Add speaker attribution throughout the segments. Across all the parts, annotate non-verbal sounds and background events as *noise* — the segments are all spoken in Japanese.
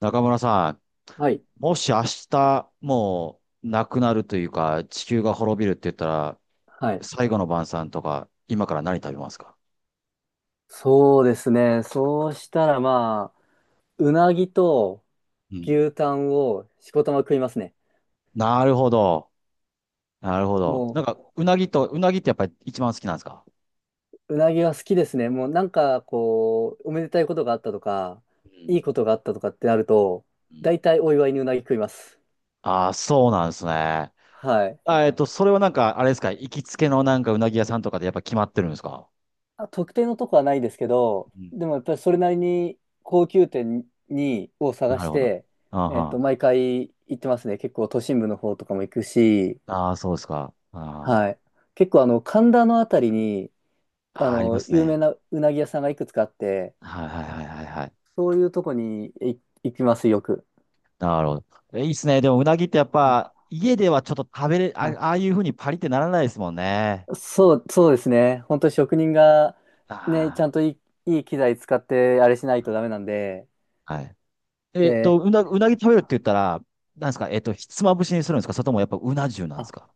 Speaker 1: 中村さん、
Speaker 2: はい。
Speaker 1: もし明日、なくなるというか、地球が滅びるって言ったら、
Speaker 2: はい。
Speaker 1: 最後の晩餐とか、今から何食べますか？
Speaker 2: そうですね。そうしたらまあ、うなぎと
Speaker 1: うん。
Speaker 2: 牛タンをしこたま食いますね。
Speaker 1: なるほど。なるほど。
Speaker 2: も
Speaker 1: うなぎと、うなぎってやっぱり一番好きなんですか？
Speaker 2: う、うなぎは好きですね。もうなんかこう、おめでたいことがあったとか、
Speaker 1: う
Speaker 2: い
Speaker 1: ん。
Speaker 2: いことがあったとかってなると、
Speaker 1: うん。
Speaker 2: 大体お祝いにうなぎ食います。
Speaker 1: ああ、そうなんですね。
Speaker 2: はい。
Speaker 1: あ、それはあれですか、行きつけのなんかうなぎ屋さんとかでやっぱ決まってるんですか？
Speaker 2: あ、特定のとこはないですけど、
Speaker 1: うん。
Speaker 2: でもやっぱりそれなりに高級店に、を探
Speaker 1: なる
Speaker 2: し
Speaker 1: ほど。
Speaker 2: て、
Speaker 1: あーはん。
Speaker 2: 毎回行ってますね。結構都心部の方とかも行くし、
Speaker 1: あー、そうですか。あー。
Speaker 2: はい。結構神田のあたりに、
Speaker 1: あー、あります
Speaker 2: 有名
Speaker 1: ね。
Speaker 2: なうなぎ屋さんがいくつかあって、
Speaker 1: はいはいはいはいはい。
Speaker 2: そういうとこにい行きます、よく。
Speaker 1: なるほど。え、いいっすね。でも、うなぎってやっぱ、
Speaker 2: あ、
Speaker 1: 家ではちょっと食べれ、あ、
Speaker 2: あ、
Speaker 1: ああいうふうにパリってならないですもんね。
Speaker 2: そうですね。本当に職人が、ね、ち
Speaker 1: あ
Speaker 2: ゃんといい、いい機材使って、あれしないとダメなんで。
Speaker 1: あ、はい。
Speaker 2: で、
Speaker 1: うなぎ食べるって言ったら、なんですか、ひつまぶしにするんですか？それともやっぱうな重なんです
Speaker 2: あ、
Speaker 1: か？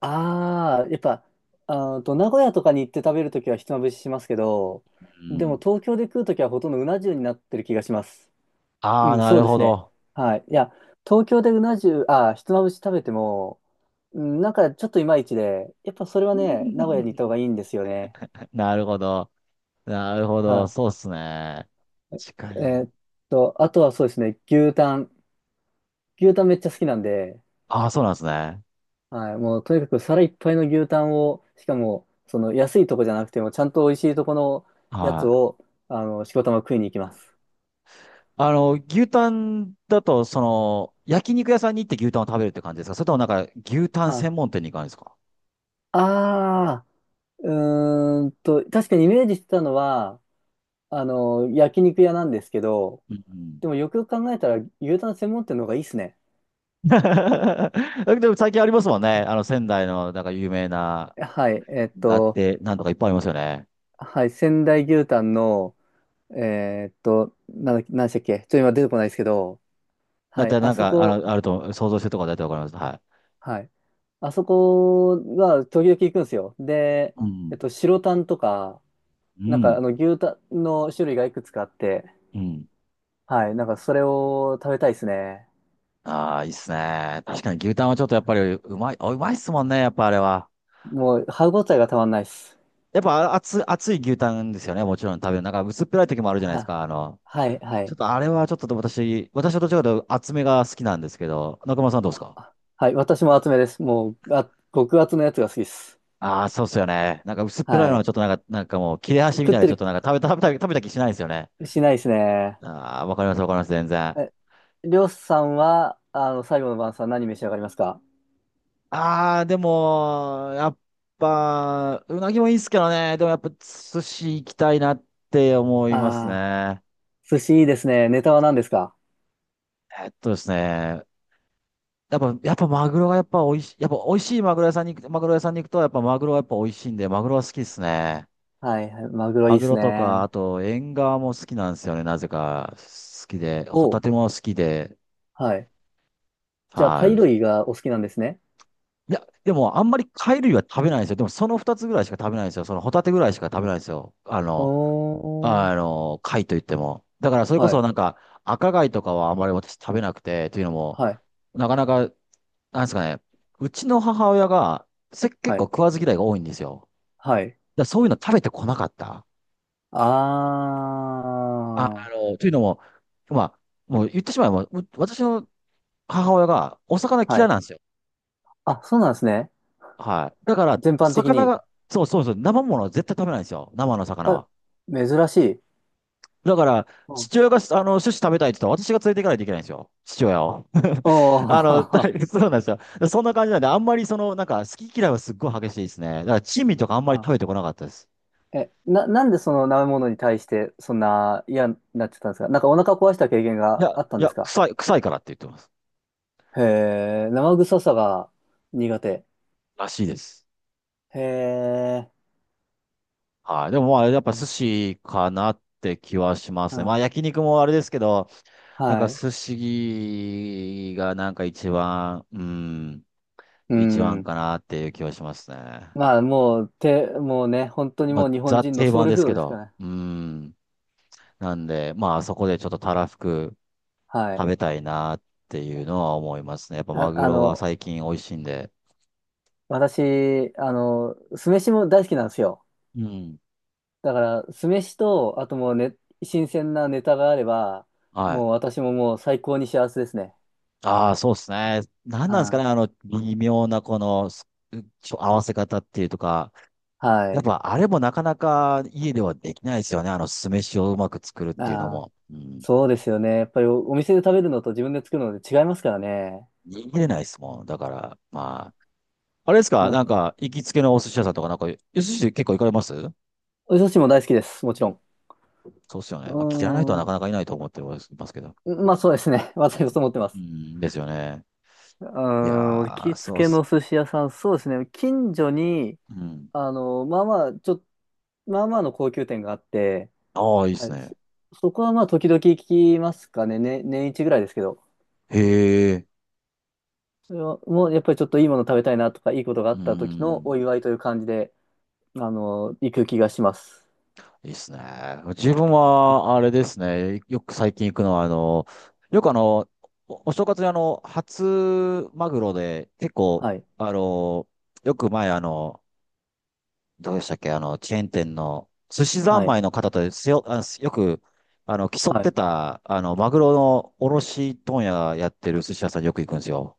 Speaker 2: あーやっぱ、あーと、名古屋とかに行って食べるときはひつまぶししますけど、
Speaker 1: う
Speaker 2: でも
Speaker 1: ん。
Speaker 2: 東京で食うときはほとんどうな重になってる気がします。
Speaker 1: あ
Speaker 2: う
Speaker 1: あ、
Speaker 2: ん、
Speaker 1: な
Speaker 2: そう
Speaker 1: る
Speaker 2: で
Speaker 1: ほ
Speaker 2: すね。
Speaker 1: ど。
Speaker 2: はい。いや、東京でうな重、あ、ひつまぶし食べても、うん、なんかちょっといまいちで、やっぱそれはね、名古屋に行った方
Speaker 1: *laughs*
Speaker 2: がいいんですよね。
Speaker 1: なるほど。なるほど。
Speaker 2: は
Speaker 1: そうっすね。確か
Speaker 2: い。
Speaker 1: に。
Speaker 2: あとはそうですね、牛タン。牛タンめっちゃ好きなんで、
Speaker 1: ああ、そうなんですね。
Speaker 2: はい。もうとにかく皿いっぱいの牛タンを、しかも、その安いとこじゃなくても、ちゃんと美味しいとこのや
Speaker 1: は
Speaker 2: つ
Speaker 1: い。
Speaker 2: を、しこたま食いに行きます。
Speaker 1: あの、牛タンだと、その、焼肉屋さんに行って牛タンを食べるって感じですか？それともなんか、牛タン
Speaker 2: あ、
Speaker 1: 専門店に行かないですか？
Speaker 2: あ確かにイメージしてたのは、焼肉屋なんですけど、
Speaker 1: うん。
Speaker 2: でもよくよく考えたら牛タン専門店の方がいいっすね。
Speaker 1: *laughs* でも最近ありますもんね。あの、仙台の、なんか有名な、
Speaker 2: はい、
Speaker 1: だって、なんとかいっぱいありますよね。
Speaker 2: はい、仙台牛タンの、なんだ、何でしたっけ、ちょっと今出てこないですけど、
Speaker 1: だっ
Speaker 2: はい、
Speaker 1: て、
Speaker 2: あ
Speaker 1: なん
Speaker 2: そ
Speaker 1: か、あ
Speaker 2: こ、
Speaker 1: の、あると、想像してるとこだってわかります。はい。
Speaker 2: はい、あそこは時々行くんですよ。で、
Speaker 1: うん。
Speaker 2: 白タンとか、
Speaker 1: う
Speaker 2: なんか
Speaker 1: ん。
Speaker 2: あの牛タンの種類がいくつかあって、
Speaker 1: うん。
Speaker 2: はい、なんかそれを食べたいですね。
Speaker 1: ああ、いいっすね。確かに牛タンはちょっとやっぱりうまい、あうまいっすもんね、やっぱあれは。
Speaker 2: もう歯タえがたまんないっす。
Speaker 1: やっぱ熱い牛タンですよね、もちろん食べる。なんか薄っぺらい時もあるじゃないです
Speaker 2: は、
Speaker 1: か。あの、
Speaker 2: はい、は
Speaker 1: ちょ
Speaker 2: い。
Speaker 1: っとあれはちょっと私、私はどちらかというと厚めが好きなんですけど、中村さんどうですか？
Speaker 2: はい、私も厚めです。もう、あ、極厚のやつが好きです。
Speaker 1: ああ、そうっすよね。なんか薄っぺらい
Speaker 2: は
Speaker 1: のは
Speaker 2: い。
Speaker 1: ちょっとなんか、なんかもう切れ端み
Speaker 2: 食っ
Speaker 1: たいで
Speaker 2: て
Speaker 1: ちょっ
Speaker 2: る
Speaker 1: となんか食べた、食べた、食べた気しないですよね。
Speaker 2: 気しないですね。
Speaker 1: ああ、わかります、わかります、全然。
Speaker 2: え、りょうさんは、最後の晩餐何召し上がりますか？
Speaker 1: ああ、でも、やっぱ、うなぎもいいっすけどね。でもやっぱ寿司行きたいなって思います
Speaker 2: ああ
Speaker 1: ね。
Speaker 2: ー、寿司いいですね。ネタは何ですか？
Speaker 1: えっとですね。やっぱマグロがやっぱ美味しいマグロ屋さんに行く、マグロ屋さんに行くとやっぱマグロはやっぱ美味しいんで、マグロは好きですね。
Speaker 2: はいはい、マグロ
Speaker 1: マ
Speaker 2: いいで
Speaker 1: グ
Speaker 2: す
Speaker 1: ロとか、あ
Speaker 2: ね。
Speaker 1: と、縁側も好きなんですよね、なぜか。好きで、ホ
Speaker 2: お
Speaker 1: タ
Speaker 2: う、
Speaker 1: テも好きで、
Speaker 2: はい。じゃあ、
Speaker 1: は
Speaker 2: 貝
Speaker 1: い。
Speaker 2: 類がお好きなんですね。
Speaker 1: いや、でもあんまり貝類は食べないんですよ。でもその二つぐらいしか食べないんですよ。そのホタテぐらいしか食べないんですよ。あ
Speaker 2: お
Speaker 1: の、あ
Speaker 2: ー、
Speaker 1: の、貝といっても。だからそれこ
Speaker 2: は
Speaker 1: そ
Speaker 2: い、
Speaker 1: なんか赤貝とかはあんまり私食べなくて、というのも、
Speaker 2: はい、
Speaker 1: なかなか、なんですかね、うちの母親が結
Speaker 2: は
Speaker 1: 構
Speaker 2: い、
Speaker 1: 食わず嫌いが多いんですよ。
Speaker 2: はい。
Speaker 1: だからそういうの食べてこなかった。あ
Speaker 2: ああ、
Speaker 1: の、というのも、まあ、もう言ってしまえば、私の母親がお魚
Speaker 2: は
Speaker 1: 嫌い
Speaker 2: い。
Speaker 1: なんですよ。
Speaker 2: あ、そうなんですね。
Speaker 1: はい。だから、
Speaker 2: 全般的
Speaker 1: 魚
Speaker 2: に。
Speaker 1: が、そうそうそう、生ものは絶対食べないんですよ。生の魚
Speaker 2: あ、
Speaker 1: は。
Speaker 2: 珍しい。
Speaker 1: だから、
Speaker 2: うん。
Speaker 1: 父親が、あの、寿司食べたいって言ったら、私が連れていかないといけないんですよ。父親を。*laughs*
Speaker 2: お
Speaker 1: あの、*laughs* だ
Speaker 2: ー。
Speaker 1: いそうなんですよ。そんな感じなんで、あんまりその、なんか、好き嫌いはすっごい激しいですね。だから、珍味とかあんまり食べて
Speaker 2: *laughs*
Speaker 1: こなかったです。
Speaker 2: え、なんでその食べ物に対してそんな嫌になっちゃったんですか？なんかお腹壊した経験
Speaker 1: い
Speaker 2: が
Speaker 1: や、
Speaker 2: あった
Speaker 1: い
Speaker 2: んで
Speaker 1: や、
Speaker 2: すか？
Speaker 1: 臭い、臭いからって言ってます。
Speaker 2: へえ、生臭さが苦手。
Speaker 1: らしいです。
Speaker 2: へえ、
Speaker 1: はい。でもまあ、やっぱ寿司かなって気はしま
Speaker 2: う
Speaker 1: すね。まあ、
Speaker 2: ん、
Speaker 1: 焼肉もあれですけど、なん
Speaker 2: は
Speaker 1: か
Speaker 2: い。
Speaker 1: 寿司がなんか一番、うん、
Speaker 2: う
Speaker 1: 一番
Speaker 2: ん。
Speaker 1: かなっていう気はしますね。
Speaker 2: まあもう、もうね、本当に
Speaker 1: まあ、
Speaker 2: もう日本
Speaker 1: ザ
Speaker 2: 人の
Speaker 1: 定
Speaker 2: ソウ
Speaker 1: 番
Speaker 2: ル
Speaker 1: で
Speaker 2: フ
Speaker 1: す
Speaker 2: ード
Speaker 1: け
Speaker 2: ですか
Speaker 1: ど、
Speaker 2: らね。
Speaker 1: うん。なんで、まあ、そこでちょっとたらふく
Speaker 2: は
Speaker 1: 食
Speaker 2: い。
Speaker 1: べたいなっていうのは思いますね。やっぱマ
Speaker 2: あ、
Speaker 1: グロが最近美味しいんで。
Speaker 2: 私、酢飯も大好きなんですよ。
Speaker 1: うん。
Speaker 2: だから、酢飯と、あともうね、新鮮なネタがあれば、
Speaker 1: はい。
Speaker 2: もう私ももう最高に幸せですね。
Speaker 1: ああ、そうですね。なんなんです
Speaker 2: は
Speaker 1: か
Speaker 2: い。
Speaker 1: ね、あの、微妙なこの、すちょ合わせ方っていうとか、
Speaker 2: は
Speaker 1: やっ
Speaker 2: い。
Speaker 1: ぱあれもなかなか家ではできないですよね。あの酢飯をうまく作るっ
Speaker 2: あ
Speaker 1: ていうの
Speaker 2: あ、
Speaker 1: も。うん。
Speaker 2: そうですよね。やっぱりお店で食べるのと自分で作るので違いますからね。
Speaker 1: 握れないですもん。だから、まあ。あれですか
Speaker 2: なん
Speaker 1: なん
Speaker 2: か、
Speaker 1: か、行きつけのお寿司屋さんとか、なんか、お寿司結構行かれます？
Speaker 2: お寿司も大好きです。もちろん。
Speaker 1: そうっすよね。まあ、嫌いな人はなか
Speaker 2: う
Speaker 1: なかいないと思ってますけど。
Speaker 2: ーん。まあそうですね。*laughs*
Speaker 1: う
Speaker 2: 私も
Speaker 1: ん、
Speaker 2: そう思ってま
Speaker 1: う
Speaker 2: す。
Speaker 1: んですよね。
Speaker 2: うー
Speaker 1: いや
Speaker 2: ん。行
Speaker 1: ー、
Speaker 2: きつ
Speaker 1: そうっ
Speaker 2: けの
Speaker 1: す。
Speaker 2: 寿司屋さん、そうですね。近所に、
Speaker 1: うん。
Speaker 2: まあまあ、まあまあの高級店があって、
Speaker 1: ああ、いいっ
Speaker 2: は
Speaker 1: す
Speaker 2: い、
Speaker 1: ね。
Speaker 2: そこはまあ時々行きますかね。ね、年一ぐらいですけど。
Speaker 1: へえ。
Speaker 2: それはもうやっぱりちょっといいもの食べたいなとか、いいことがあ
Speaker 1: う
Speaker 2: った時の
Speaker 1: ん。
Speaker 2: お祝いという感じで、行く気がします。
Speaker 1: いいっすね。自分
Speaker 2: あ、
Speaker 1: は、あれですね。よく最近行くのは、あの、よくあの、お正月にあの、初マグロで、結構、
Speaker 2: はい。
Speaker 1: あの、よく前あの、どうでしたっけ、あの、チェーン店の、寿司三
Speaker 2: はい。
Speaker 1: 昧の方とですよ、あの、よく、あの、競っ
Speaker 2: はい。
Speaker 1: てた、あの、マグロの卸問屋やってる寿司屋さんによく行くんですよ。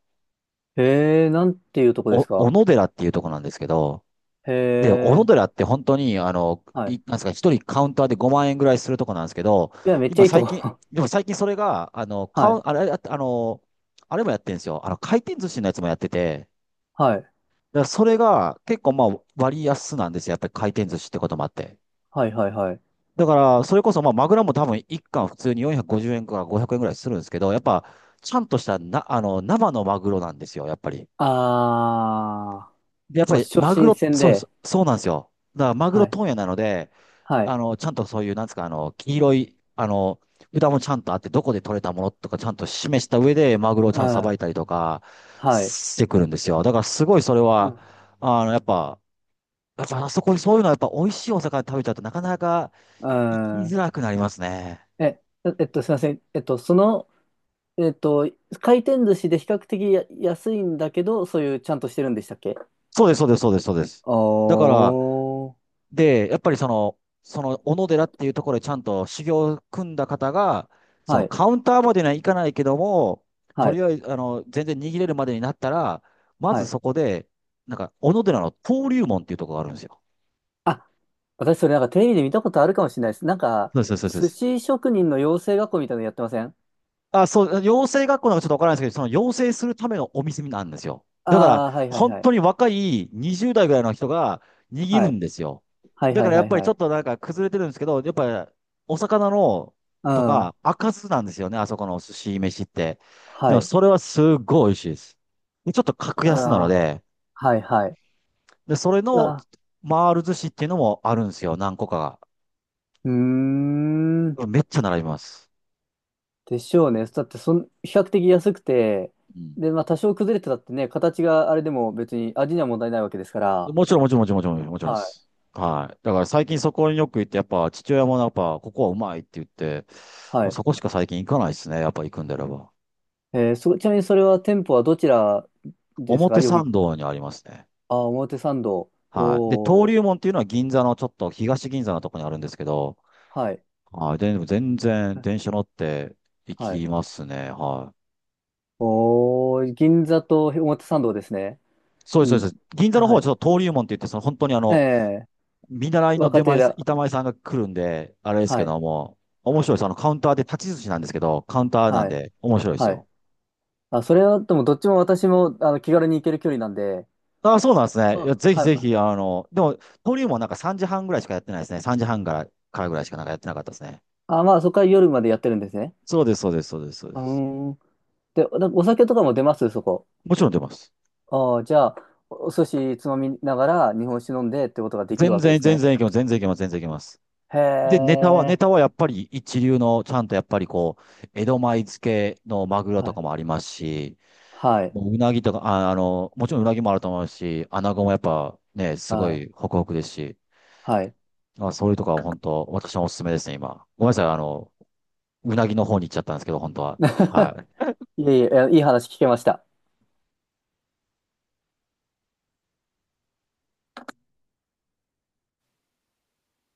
Speaker 2: へえ、なんていうとこです
Speaker 1: 小
Speaker 2: か？
Speaker 1: 野寺っていうとこなんですけど、
Speaker 2: へ
Speaker 1: で、小野
Speaker 2: え、
Speaker 1: 寺って本当に、あの、
Speaker 2: はい。
Speaker 1: なんですか、一人カウンターで5万円ぐらいするとこなんですけど、
Speaker 2: いや、めっちゃ
Speaker 1: 今
Speaker 2: いい
Speaker 1: 最
Speaker 2: と
Speaker 1: 近、
Speaker 2: こ。
Speaker 1: でも最近それが、あの、
Speaker 2: *laughs*
Speaker 1: カ
Speaker 2: は
Speaker 1: ウ
Speaker 2: い。
Speaker 1: ン、あれ、ああの、あれもやってるんですよ。あの、回転寿司のやつもやってて、
Speaker 2: はい。
Speaker 1: だからそれが結構まあ割安なんですよ。やっぱり回転寿司ってこともあって。
Speaker 2: はい、はい、はい。
Speaker 1: だから、それこそまあマグロも多分一貫普通に450円から500円ぐらいするんですけど、やっぱ、ちゃんとしたな、あの、生のマグロなんですよ、やっぱり。
Speaker 2: あ
Speaker 1: でやっ
Speaker 2: ー、
Speaker 1: ぱ
Speaker 2: もう
Speaker 1: り
Speaker 2: 超
Speaker 1: マグロ、
Speaker 2: 新
Speaker 1: そうです。
Speaker 2: で。
Speaker 1: そうなんですよ。だからマグロ
Speaker 2: はい。
Speaker 1: 問屋なので、
Speaker 2: は
Speaker 1: あ
Speaker 2: い。
Speaker 1: の、ちゃんとそういう、なんですか、あの、黄色い、あの、札もちゃんとあって、どこで取れたものとかちゃんと示した上で、マグロをち
Speaker 2: う
Speaker 1: ゃんとさば
Speaker 2: ん。
Speaker 1: いたりとか
Speaker 2: はい。
Speaker 1: してくるんですよ。だからすごいそれは、
Speaker 2: う
Speaker 1: あの、やっぱ、やっぱあそこにそういうのはやっぱ美味しいお魚食べちゃうとなかなか行き
Speaker 2: ん。う
Speaker 1: づ
Speaker 2: ん。
Speaker 1: らくなりますね。
Speaker 2: え、すいません。えっと、その、えっと、回転寿司で比較的や安いんだけど、そういうちゃんとしてるんでしたっけ？
Speaker 1: そうです、そうです、そうです、そうです。だから、
Speaker 2: おー。
Speaker 1: で、やっぱりその、その小野寺っていうところでちゃんと修行を組んだ方が、そ
Speaker 2: は
Speaker 1: の
Speaker 2: い。
Speaker 1: カウンターまでにはいかないけども、と
Speaker 2: は
Speaker 1: り
Speaker 2: い。
Speaker 1: あえず、あの、全然握れるまでになったら、ま
Speaker 2: は
Speaker 1: ず
Speaker 2: い。
Speaker 1: そこで、なんか、小野寺の登竜門っていうところがあるんですよ。
Speaker 2: あ、私それなんかテレビで見たことあるかもしれないです。なんか、
Speaker 1: そうです、そうで
Speaker 2: 寿
Speaker 1: す。
Speaker 2: 司職人の養成学校みたいなのやってません？
Speaker 1: あ、そう、養成学校なんかちょっとわからないですけど、その養成するためのお店なんですよ。だから、
Speaker 2: ああー、はいはい
Speaker 1: 本
Speaker 2: はい。
Speaker 1: 当に若い20代ぐらいの人が握
Speaker 2: は
Speaker 1: るん
Speaker 2: い。
Speaker 1: ですよ。
Speaker 2: はい
Speaker 1: だ
Speaker 2: は
Speaker 1: か
Speaker 2: い
Speaker 1: らや
Speaker 2: は
Speaker 1: っ
Speaker 2: い
Speaker 1: ぱり
Speaker 2: は
Speaker 1: ちょっ
Speaker 2: い。
Speaker 1: となんか崩れてるんですけど、やっぱりお魚の
Speaker 2: う
Speaker 1: と
Speaker 2: ん。
Speaker 1: か赤酢なんですよね、あそこの寿司飯って。で
Speaker 2: は
Speaker 1: も
Speaker 2: い。
Speaker 1: それはすっごい美味しいです。で、ちょっと格安なの
Speaker 2: ああ、
Speaker 1: で、
Speaker 2: はいはい。
Speaker 1: で、それの
Speaker 2: あ、
Speaker 1: 回る寿司っていうのもあるんですよ、何個か
Speaker 2: うーん。
Speaker 1: が。めっちゃ並びます。
Speaker 2: でしょうね。だってそん、比較的安くて、
Speaker 1: うん。
Speaker 2: で、まあ多少崩れてたってね、形があれでも別に味には問題ないわけですから。
Speaker 1: もちろん、もちろん、もちろん、もちろん、もちろんで
Speaker 2: はい。
Speaker 1: す。はい。だから最近そこによく行って、やっぱ父親もやっぱ、ここはうまいって言って、
Speaker 2: は
Speaker 1: もう
Speaker 2: い。
Speaker 1: そこしか最近行かないですね。やっぱ行くんであれば。
Speaker 2: えーそ、ちなみにそれは店舗はどちらですか？
Speaker 1: 表
Speaker 2: よく
Speaker 1: 参道にありますね。
Speaker 2: あああ、表参道。
Speaker 1: はい。で、
Speaker 2: お
Speaker 1: 登
Speaker 2: ー。
Speaker 1: 竜門っていうのは銀座のちょっと東銀座のとこにあるんですけど、
Speaker 2: はい。
Speaker 1: はい。で、でも全然電車乗って行
Speaker 2: はい。
Speaker 1: きますね。はい。
Speaker 2: おー、銀座と表参道ですね。
Speaker 1: そうです、
Speaker 2: う
Speaker 1: そう
Speaker 2: ん。
Speaker 1: です。銀座の方
Speaker 2: は
Speaker 1: はち
Speaker 2: い。
Speaker 1: ょっと登竜門って言って、その本当にあ
Speaker 2: え
Speaker 1: の、
Speaker 2: え、
Speaker 1: 見習いの
Speaker 2: 若
Speaker 1: 出
Speaker 2: 手
Speaker 1: 前さ、
Speaker 2: だ。
Speaker 1: 板前さんが来るんで、あれです
Speaker 2: は
Speaker 1: け
Speaker 2: い。
Speaker 1: ども、面白いです。あの、カウンターで、立ち寿司なんですけど、カウンターなん
Speaker 2: はい。
Speaker 1: で、面白いです
Speaker 2: はい。
Speaker 1: よ。
Speaker 2: あ、それは、でも、どっちも私も、気軽に行ける距離なんで、
Speaker 1: あ、そうなんですね。いや、
Speaker 2: あ、
Speaker 1: ぜひ
Speaker 2: は
Speaker 1: ぜ
Speaker 2: い。
Speaker 1: ひ、あの、でも、登竜門なんか3時半ぐらいしかやってないですね。3時半から、からぐらいしかなんかやってなかったですね。
Speaker 2: あ、まあ、そこから夜までやってるんですね。
Speaker 1: そうです、そうです、そうです、そうで
Speaker 2: う
Speaker 1: す。
Speaker 2: ーん。で、おお酒とかも出ますそこ？
Speaker 1: もちろん出ます。
Speaker 2: ああ、じゃあ、おお寿司つまみながら日本酒飲んでってことができる
Speaker 1: 全
Speaker 2: わけで
Speaker 1: 然、
Speaker 2: す
Speaker 1: 全
Speaker 2: ね。
Speaker 1: 然いけます、全然いけます、全然いけます。
Speaker 2: へ
Speaker 1: で、ネタは、ネ
Speaker 2: え。
Speaker 1: タはやっぱり一流の、ちゃんとやっぱりこう、江戸前漬けのマグロ
Speaker 2: は
Speaker 1: とか
Speaker 2: い。
Speaker 1: もありますし、
Speaker 2: はい。
Speaker 1: もううなぎとか、あ、あの、もちろんうなぎもあると思うし、穴子もやっぱね、すご
Speaker 2: はい。
Speaker 1: いホクホクですし、
Speaker 2: はい。
Speaker 1: まあ、そういうとこは本当、私のおすすめですね、今。ごめんなさい、あの、うなぎの方に行っちゃったんですけど、本当は。は
Speaker 2: *laughs*
Speaker 1: い。
Speaker 2: いえいえ、いやいい話聞けました。